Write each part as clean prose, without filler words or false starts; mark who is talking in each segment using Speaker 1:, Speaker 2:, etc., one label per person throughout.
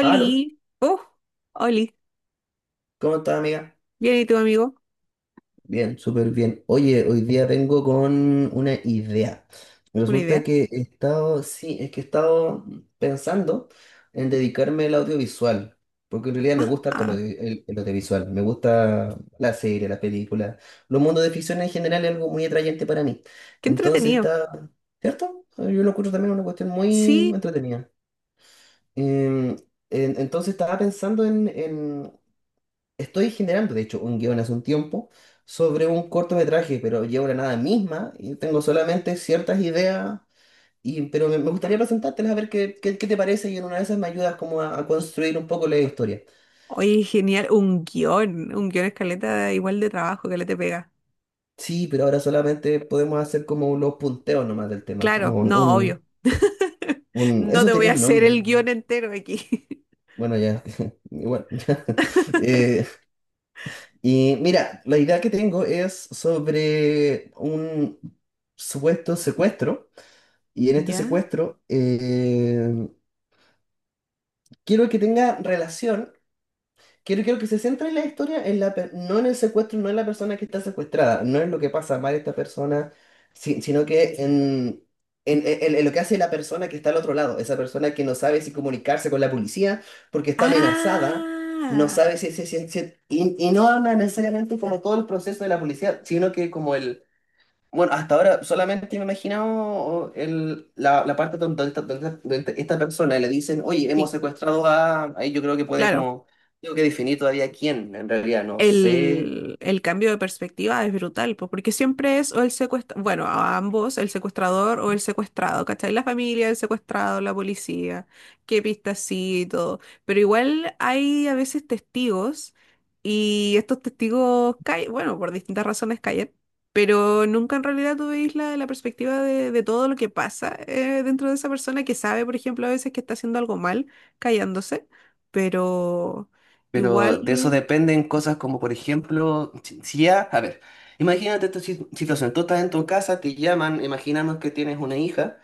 Speaker 1: Aló,
Speaker 2: oh, Oli,
Speaker 1: ¿cómo estás, amiga?
Speaker 2: bien ¿y tu amigo?
Speaker 1: Bien, súper bien. Oye, hoy día vengo con una idea.
Speaker 2: Una
Speaker 1: Resulta
Speaker 2: idea.
Speaker 1: que he estado, sí, es que he estado pensando en dedicarme al audiovisual, porque en realidad me
Speaker 2: Ah,
Speaker 1: gusta harto el,
Speaker 2: ah,
Speaker 1: audio- el- el audiovisual, me gusta la serie, la película, los mundos de ficción en general es algo muy atrayente para mí.
Speaker 2: Qué
Speaker 1: Entonces
Speaker 2: entretenido.
Speaker 1: está, ¿cierto? Yo lo encuentro también una cuestión muy
Speaker 2: Sí,
Speaker 1: entretenida. Em, entonces estaba pensando en. Estoy generando, de hecho, un guión hace un tiempo sobre un cortometraje, pero llevo la nada misma y tengo solamente ciertas ideas, pero me gustaría presentártelas a ver qué te parece y en una de esas me ayudas como a construir un poco la historia.
Speaker 2: oye, genial, un guión escaleta igual de trabajo que le te pega.
Speaker 1: Sí, pero ahora solamente podemos hacer como los punteos nomás del tema.
Speaker 2: Claro, no, obvio. No
Speaker 1: Eso
Speaker 2: te voy a
Speaker 1: tenía un
Speaker 2: hacer
Speaker 1: nombre,
Speaker 2: el
Speaker 1: ¿no?
Speaker 2: guión entero aquí.
Speaker 1: Bueno, ya, igual. Ya. Eh, y mira, la idea que tengo es sobre un supuesto secuestro. Y en este
Speaker 2: ¿Ya?
Speaker 1: secuestro, quiero que tenga relación, quiero que se centre en la historia, no en el secuestro, no en la persona que está secuestrada, no en lo que pasa mal esta persona, sino que en lo que hace la persona que está al otro lado, esa persona que no sabe si comunicarse con la policía porque está amenazada, no
Speaker 2: Ah,
Speaker 1: sabe si y no habla necesariamente como todo el proceso de la policía, sino que como el bueno, hasta ahora solamente me he imaginado oh, la parte donde, esta- donde, esta donde esta persona le dicen, oye, hemos
Speaker 2: sí,
Speaker 1: secuestrado a. Ahí yo creo que puede
Speaker 2: claro.
Speaker 1: como. Tengo que definir todavía quién, en realidad, no sé.
Speaker 2: El cambio de perspectiva es brutal, po, porque siempre es o el secuestrador, bueno, a ambos, el secuestrador o el secuestrado, ¿cachai? La familia, el secuestrado, la policía, qué pistas sí y todo. Pero igual hay a veces testigos y estos testigos caen, bueno, por distintas razones caen. Pero nunca en realidad tú veis la, la perspectiva de todo lo que pasa dentro de esa persona que sabe, por ejemplo, a veces que está haciendo algo mal, callándose, pero igual...
Speaker 1: Pero de eso dependen cosas como, por ejemplo, si ya. A ver, imagínate esta situación. Tú estás en tu casa, te llaman, imaginamos que tienes una hija,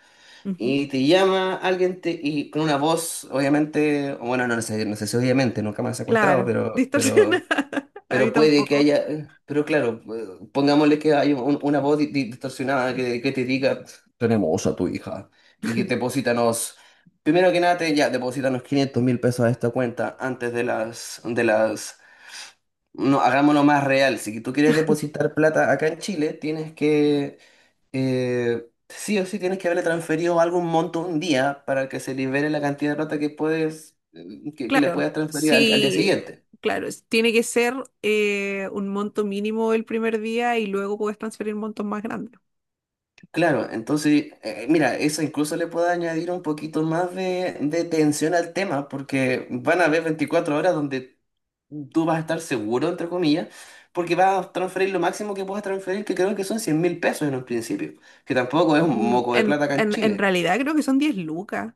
Speaker 2: Ujú.
Speaker 1: y te llama alguien te, y con una voz, obviamente, bueno, no sé, no sé si obviamente, nunca me han secuestrado,
Speaker 2: Claro,
Speaker 1: pero... pero.
Speaker 2: distorsionada. A mí
Speaker 1: Pero puede que
Speaker 2: tampoco.
Speaker 1: haya, pero claro, pongámosle que hay una voz distorsionada que te diga, tenemos a tu hija y deposítanos, primero que nada, te- ya, deposítanos 500.000 pesos a esta cuenta antes de las, no, hagámoslo más real, si tú quieres depositar plata acá en Chile, tienes que, sí o sí, tienes que haberle transferido algún monto un día para que se libere la cantidad de plata que puedes, que le
Speaker 2: Claro,
Speaker 1: puedas transferir al al día
Speaker 2: sí,
Speaker 1: siguiente.
Speaker 2: claro, es- tiene que ser un monto mínimo el primer día y luego puedes transferir montos más grandes.
Speaker 1: Claro, entonces, mira, eso incluso le puede añadir un poquito más de tensión al tema, porque van a haber 24 horas donde tú vas a estar seguro, entre comillas, porque vas a transferir lo máximo que puedas transferir, que creo que son 100 mil pesos en un principio, que tampoco es un
Speaker 2: Mm,
Speaker 1: moco de
Speaker 2: en,
Speaker 1: plata acá en
Speaker 2: en
Speaker 1: Chile.
Speaker 2: realidad creo que son 10 lucas.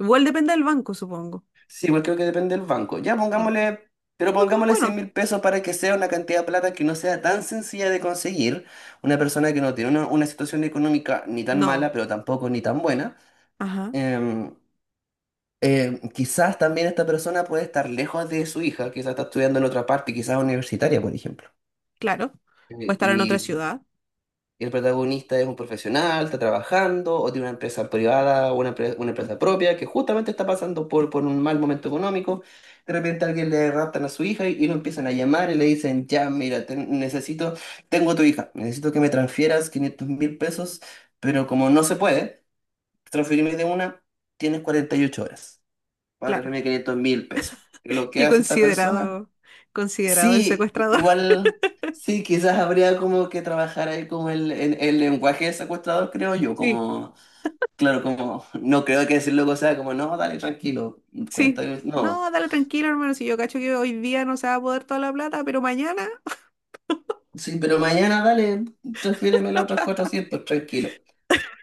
Speaker 2: Igual depende del banco, supongo.
Speaker 1: Sí, igual creo que depende del banco. Ya
Speaker 2: Sí.
Speaker 1: pongámosle, pero
Speaker 2: Lo que-
Speaker 1: pongámosle 100
Speaker 2: bueno,
Speaker 1: mil pesos para que sea una cantidad de plata que no sea tan sencilla de conseguir, una persona que no tiene una situación económica ni tan
Speaker 2: no.
Speaker 1: mala, pero tampoco ni tan buena.
Speaker 2: Ajá,
Speaker 1: Em, Quizás también esta persona puede estar lejos de su hija, quizás está estudiando en otra parte, quizás universitaria, por ejemplo.
Speaker 2: claro. Puede estar en otra
Speaker 1: Y
Speaker 2: ciudad,
Speaker 1: el protagonista es un profesional, está trabajando, o tiene una empresa privada, o una, una empresa propia, que justamente está pasando por un mal momento económico. De repente alguien le raptan a su hija y lo empiezan a llamar y le dicen, ya, mira, te- necesito, tengo a tu hija, necesito que me transfieras 500.000 pesos, pero como no se puede transferirme de una, tienes 48 horas.
Speaker 2: claro.
Speaker 1: 4.500 mil pesos. Y lo que
Speaker 2: Qué
Speaker 1: hace esta persona,
Speaker 2: considerado, considerado el
Speaker 1: sí,
Speaker 2: secuestrador.
Speaker 1: igual, sí, quizás habría como que trabajar ahí como el, el lenguaje del secuestrador, creo yo,
Speaker 2: Sí,
Speaker 1: como, claro, como, no creo que decirlo o sea como, no, dale, tranquilo,
Speaker 2: sí.
Speaker 1: 40 mil, no.
Speaker 2: No, dale tranquilo, hermano. Si yo cacho que hoy día no se va a poder toda la plata, pero mañana.
Speaker 1: Sí, pero mañana dale, transfiéremelo otros 400 tranquilo.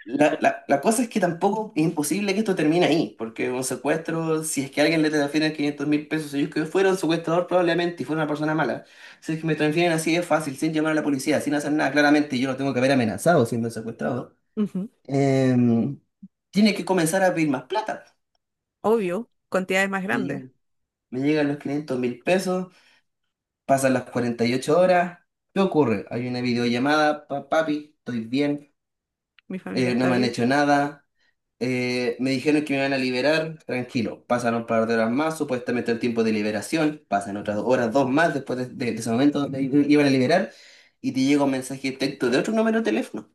Speaker 1: La cosa es que tampoco es imposible que esto termine ahí, porque un secuestro, si es que alguien le transfieren 500.000 pesos, ellos que fueron secuestrador probablemente y fuera una persona mala, si es que me transfieren así es fácil, sin llamar a la policía, sin hacer nada, claramente yo lo tengo que haber amenazado siendo secuestrado,
Speaker 2: Ujú.
Speaker 1: em, tiene que comenzar a pedir más plata.
Speaker 2: Obvio, cantidades más
Speaker 1: Me
Speaker 2: grandes.
Speaker 1: llegan, me llegan los 500.000 pesos, pasan las 48 horas, ¿qué ocurre? Hay una videollamada, "Pa- papi, estoy bien,
Speaker 2: Mi familia
Speaker 1: no
Speaker 2: está
Speaker 1: me han
Speaker 2: bien.
Speaker 1: hecho nada. Me dijeron que me van a liberar, tranquilo". Pasan un par de horas más, supuestamente el tiempo de liberación. Pasan otras horas, dos más después de, de ese momento donde iban a liberar. Y te llega un mensaje de texto de otro número de teléfono.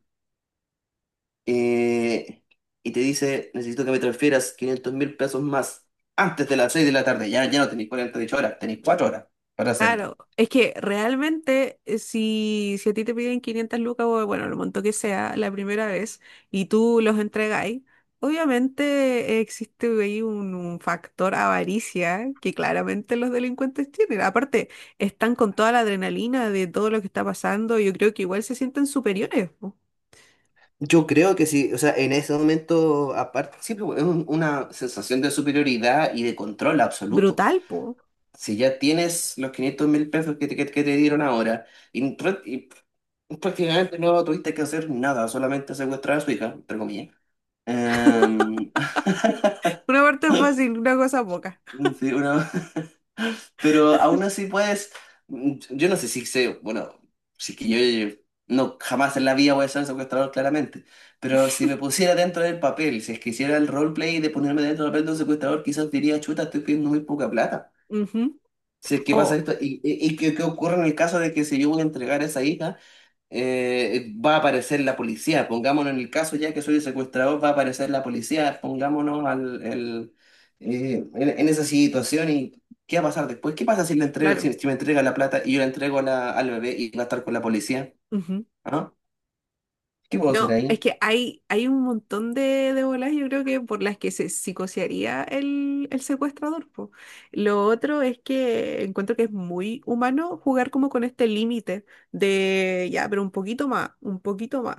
Speaker 1: eh, y te dice, necesito que me transfieras 500 mil pesos más antes de las 6 de la tarde. Ya, ya no tenéis 48 horas, tenéis 4 horas para hacerlo.
Speaker 2: Claro, es que realmente si, si a ti te piden 500 lucas o bueno, lo monto que sea la primera vez y tú los entregáis, obviamente existe ahí un factor avaricia que claramente los delincuentes tienen. Aparte, están con toda la adrenalina de todo lo que está pasando. Yo creo que igual se sienten superiores, po.
Speaker 1: Yo creo que sí, o sea, en ese momento, aparte, siempre es una sensación de superioridad y de control absoluto.
Speaker 2: Brutal, po.
Speaker 1: Si ya tienes los 500.000 pesos que te, que te dieron ahora y, prácticamente no tuviste que hacer nada, solamente secuestrar a su hija, entre comillas. Em,
Speaker 2: Una parte es fácil, una cosa poca.
Speaker 1: sí, una- Pero aún así puedes, mm, yo no sé si sé, bueno, si es que yo, no, jamás en la vida voy a ser secuestrador claramente, pero si me pusiera dentro del papel, si es que hiciera el roleplay de ponerme dentro del papel de un secuestrador, quizás diría, chuta, estoy pidiendo muy poca plata.
Speaker 2: Ujú.
Speaker 1: Si es que
Speaker 2: Oh,
Speaker 1: pasa esto, y qué, qué ocurre en el caso de que si yo voy a entregar a esa hija, va a aparecer la policía? Pongámonos en el caso ya que soy el secuestrador, va a aparecer la policía, pongámonos al, el, en esa situación. ¿Y qué va a pasar después? ¿Qué pasa si, le entrega,
Speaker 2: claro.
Speaker 1: si, si me entrega la plata y yo la entrego a la- al bebé y va a estar con la policía?
Speaker 2: Ujú.
Speaker 1: ¿Ah? ¿Qué puedo hacer
Speaker 2: No, es
Speaker 1: ahí?
Speaker 2: que hay un montón de bolas, yo creo que por las que se psicosearía el secuestrador, po. Lo otro es que encuentro que es muy humano jugar como con este límite de ya, pero un poquito más,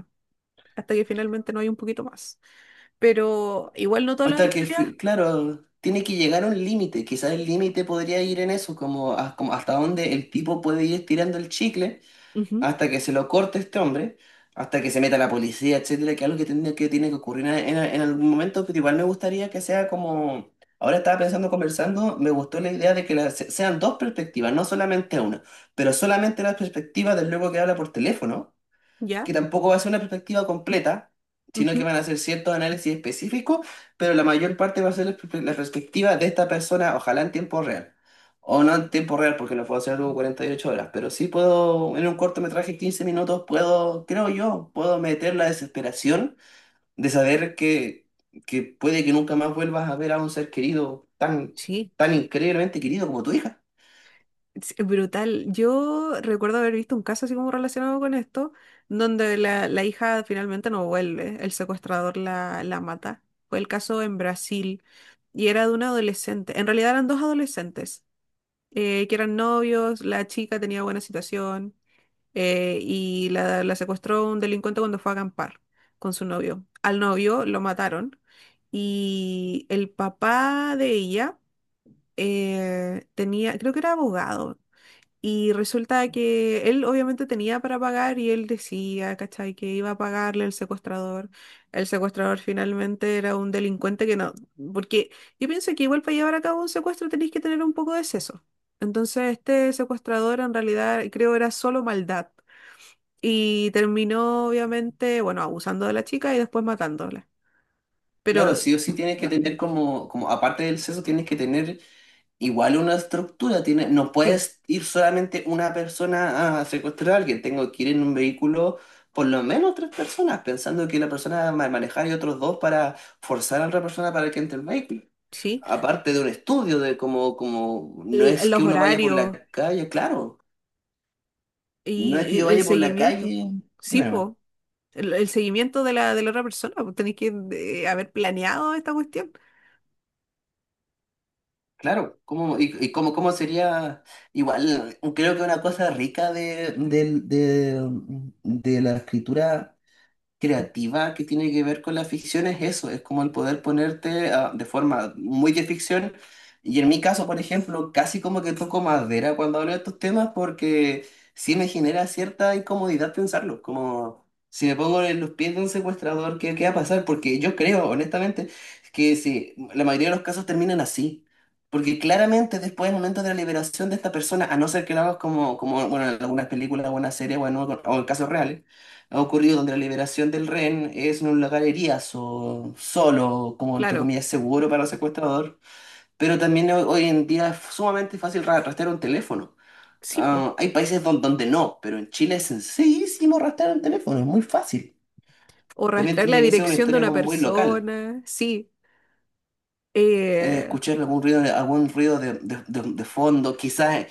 Speaker 2: hasta que finalmente no hay un poquito más. Pero igual no todas las
Speaker 1: Hasta que,
Speaker 2: historias,
Speaker 1: claro, tiene que llegar a un límite, quizás el límite podría ir en eso, como, como hasta dónde el tipo puede ir tirando el chicle
Speaker 2: ujú,
Speaker 1: hasta que se lo corte este hombre, hasta que se meta la policía, etcétera, que algo que tiene que, tiene que ocurrir en, en algún momento, pero igual me gustaría que sea como, ahora estaba pensando, conversando, me gustó la idea de que sean dos perspectivas, no solamente una, pero solamente la perspectiva del luego que habla por teléfono,
Speaker 2: ya,
Speaker 1: que tampoco va a ser una perspectiva completa, sino que
Speaker 2: ujú,
Speaker 1: van a ser ciertos análisis específicos, pero la mayor parte va a ser la perspectiva de esta persona, ojalá en tiempo real. O no en tiempo real, porque no puedo hacer algo 48 horas, pero sí puedo, en un cortometraje de 15 minutos, puedo, creo yo, puedo meter la desesperación de saber que puede que nunca más vuelvas a ver a un ser querido tan,
Speaker 2: sí.
Speaker 1: tan increíblemente querido como tu hija.
Speaker 2: Es brutal. Yo recuerdo haber visto un caso así como relacionado con esto, donde la hija finalmente no vuelve, el secuestrador la, la mata. Fue el caso en Brasil y era de una adolescente. En realidad eran dos adolescentes que eran novios, la chica tenía buena situación y la secuestró un delincuente cuando fue a acampar con su novio. Al novio lo mataron y el papá de ella tenía, creo que era abogado y resulta que él obviamente tenía para pagar y él decía, ¿cachai? Que iba a pagarle al secuestrador. El secuestrador finalmente era un delincuente que no, porque yo pienso que igual para llevar a cabo un secuestro tenéis que tener un poco de seso. Entonces este secuestrador en realidad creo era solo maldad. Y terminó obviamente, bueno, abusando de la chica y después matándola.
Speaker 1: Claro,
Speaker 2: Pero
Speaker 1: sí o sí tienes que tener como, como aparte del sexo, tienes que tener. Igual una estructura tiene, no
Speaker 2: sí,
Speaker 1: puedes ir solamente una persona a secuestrar a alguien, tengo que ir en un vehículo por lo menos 3 personas, pensando que la persona va a manejar y otros dos para forzar a otra persona para que entre el vehículo.
Speaker 2: sí,
Speaker 1: Aparte de un estudio de cómo, como no
Speaker 2: l-
Speaker 1: es
Speaker 2: los
Speaker 1: que uno vaya por
Speaker 2: horarios
Speaker 1: la calle, claro, no es que
Speaker 2: y
Speaker 1: yo
Speaker 2: el
Speaker 1: vaya por la
Speaker 2: seguimiento.
Speaker 1: calle,
Speaker 2: Sí,
Speaker 1: dime nomás,
Speaker 2: pues. El seguimiento de la otra persona, pues tenéis que haber planeado esta cuestión.
Speaker 1: claro, ¿cómo, y cómo, cómo sería igual? Creo que una cosa rica de, de la escritura creativa que tiene que ver con la ficción es eso, es como el poder ponerte ah, de forma muy de ficción. Y en mi caso, por ejemplo, casi como que toco madera cuando hablo de estos temas, porque sí me genera cierta incomodidad pensarlo, como si me pongo en los pies de un secuestrador, ¿qué, qué va a pasar? Porque yo creo, honestamente, que sí, la mayoría de los casos terminan así. Porque claramente después del momento de la liberación de esta persona, a no ser que lo hagas como, como bueno, en algunas películas o en series o en casos reales, ha ocurrido donde la liberación del rehén es en un lugar eriazo, solo, como entre
Speaker 2: Claro,
Speaker 1: comillas seguro para el secuestrador, pero también hoy en día es sumamente fácil rastrear un teléfono.
Speaker 2: sí, pues.
Speaker 1: Ah, hay países donde no, pero en Chile es sencillísimo rastrear un teléfono, es muy fácil.
Speaker 2: O
Speaker 1: También
Speaker 2: rastrear la
Speaker 1: tendría que ser una
Speaker 2: dirección de
Speaker 1: historia
Speaker 2: una
Speaker 1: como muy local.
Speaker 2: persona, sí. eh,
Speaker 1: Escuchar algún ruido de, de fondo, quizás.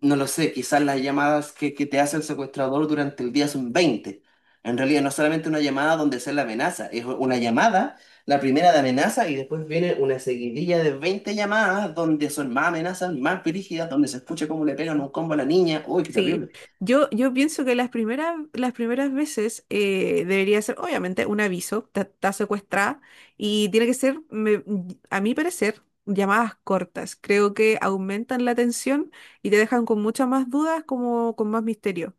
Speaker 1: No lo sé, quizás las llamadas que te hace el secuestrador durante el día son 20. En realidad no es solamente una llamada donde se la amenaza, es una llamada, la primera de amenaza, y después viene una seguidilla de 20 llamadas donde son más amenazas, más brígidas, donde se escucha cómo le pegan un combo a la niña. Uy, qué
Speaker 2: sí.
Speaker 1: terrible.
Speaker 2: Yo pienso que las primeras veces debería ser, obviamente, un aviso, está está secuestrada, y tiene que ser, me- a mi parecer, llamadas cortas. Creo que aumentan la tensión y te dejan con muchas más dudas, como con más misterio.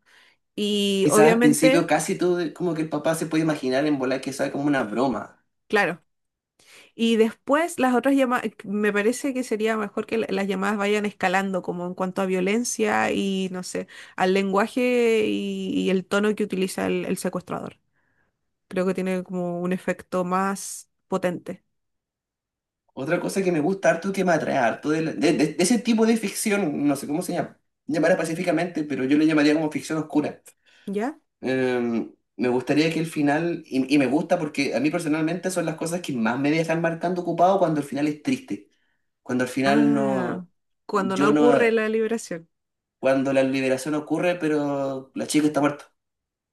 Speaker 2: Y
Speaker 1: Quizás al principio
Speaker 2: obviamente,
Speaker 1: casi todo, como que el papá se puede imaginar en volar que sea como una broma.
Speaker 2: claro. Y después las otras llamadas, me parece que sería mejor que la- las llamadas vayan escalando como en cuanto a violencia y, no sé, al lenguaje y el tono que utiliza el secuestrador. Creo que tiene como un efecto más potente.
Speaker 1: Otra cosa que me gusta harto, que me atrae harto de, de ese tipo de ficción, no sé cómo se llama, llamará pacíficamente, pero yo le llamaría como ficción oscura.
Speaker 2: ¿Ya?
Speaker 1: Eh, Me gustaría que el final, y me gusta porque a mí personalmente son las cosas que más me dejan marcando ocupado cuando el final es triste, cuando al final
Speaker 2: Ah,
Speaker 1: no,
Speaker 2: cuando no
Speaker 1: yo no,
Speaker 2: ocurre la liberación.
Speaker 1: cuando la liberación ocurre, pero la chica está muerta,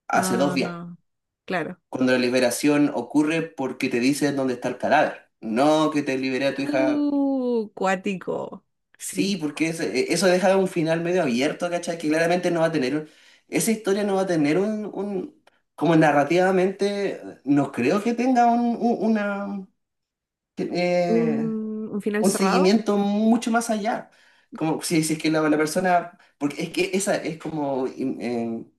Speaker 1: hace dos
Speaker 2: Ah,
Speaker 1: días,
Speaker 2: no, claro.
Speaker 1: cuando la liberación ocurre porque te dicen dónde está el cadáver, no que te liberé a tu hija.
Speaker 2: Cuático. Sí.
Speaker 1: Sí, porque eso, e, eso deja un final medio abierto, ¿cachai? Que claramente no va a tener un-, esa historia no va a tener un- como narrativamente, no creo que tenga un- una, eh,
Speaker 2: Un final
Speaker 1: un
Speaker 2: cerrado.
Speaker 1: seguimiento mucho más allá. Como si, si es que la persona, porque es que esa es como,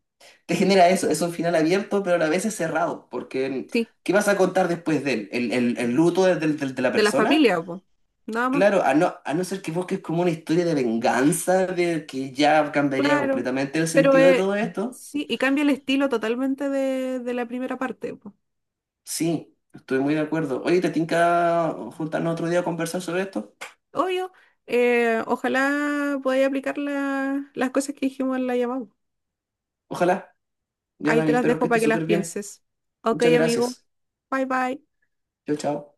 Speaker 1: te genera eso, es un final abierto, pero a la vez es cerrado, porque
Speaker 2: Sí.
Speaker 1: ¿qué vas a contar después de él? ¿El, el luto del- del- del- de la
Speaker 2: De la
Speaker 1: persona?
Speaker 2: familia, po. Nada más.
Speaker 1: Claro, a no ser que busques como una historia de venganza, de que ya cambiaría
Speaker 2: Claro,
Speaker 1: completamente el
Speaker 2: pero
Speaker 1: sentido de todo esto.
Speaker 2: sí, y cambia el estilo totalmente de la primera parte, po.
Speaker 1: Sí, estoy muy de acuerdo. Oye, ¿te tinca juntarnos otro día a conversar sobre esto?
Speaker 2: Obvio, ojalá podáis aplicar la- las cosas que dijimos en la llamada.
Speaker 1: Ojalá. Ya,
Speaker 2: Ahí
Speaker 1: Dani,
Speaker 2: te las
Speaker 1: espero que
Speaker 2: dejo para
Speaker 1: estés
Speaker 2: que las
Speaker 1: súper bien.
Speaker 2: pienses. Ok,
Speaker 1: Muchas
Speaker 2: amigo,
Speaker 1: gracias.
Speaker 2: bye bye.
Speaker 1: Chao, chao.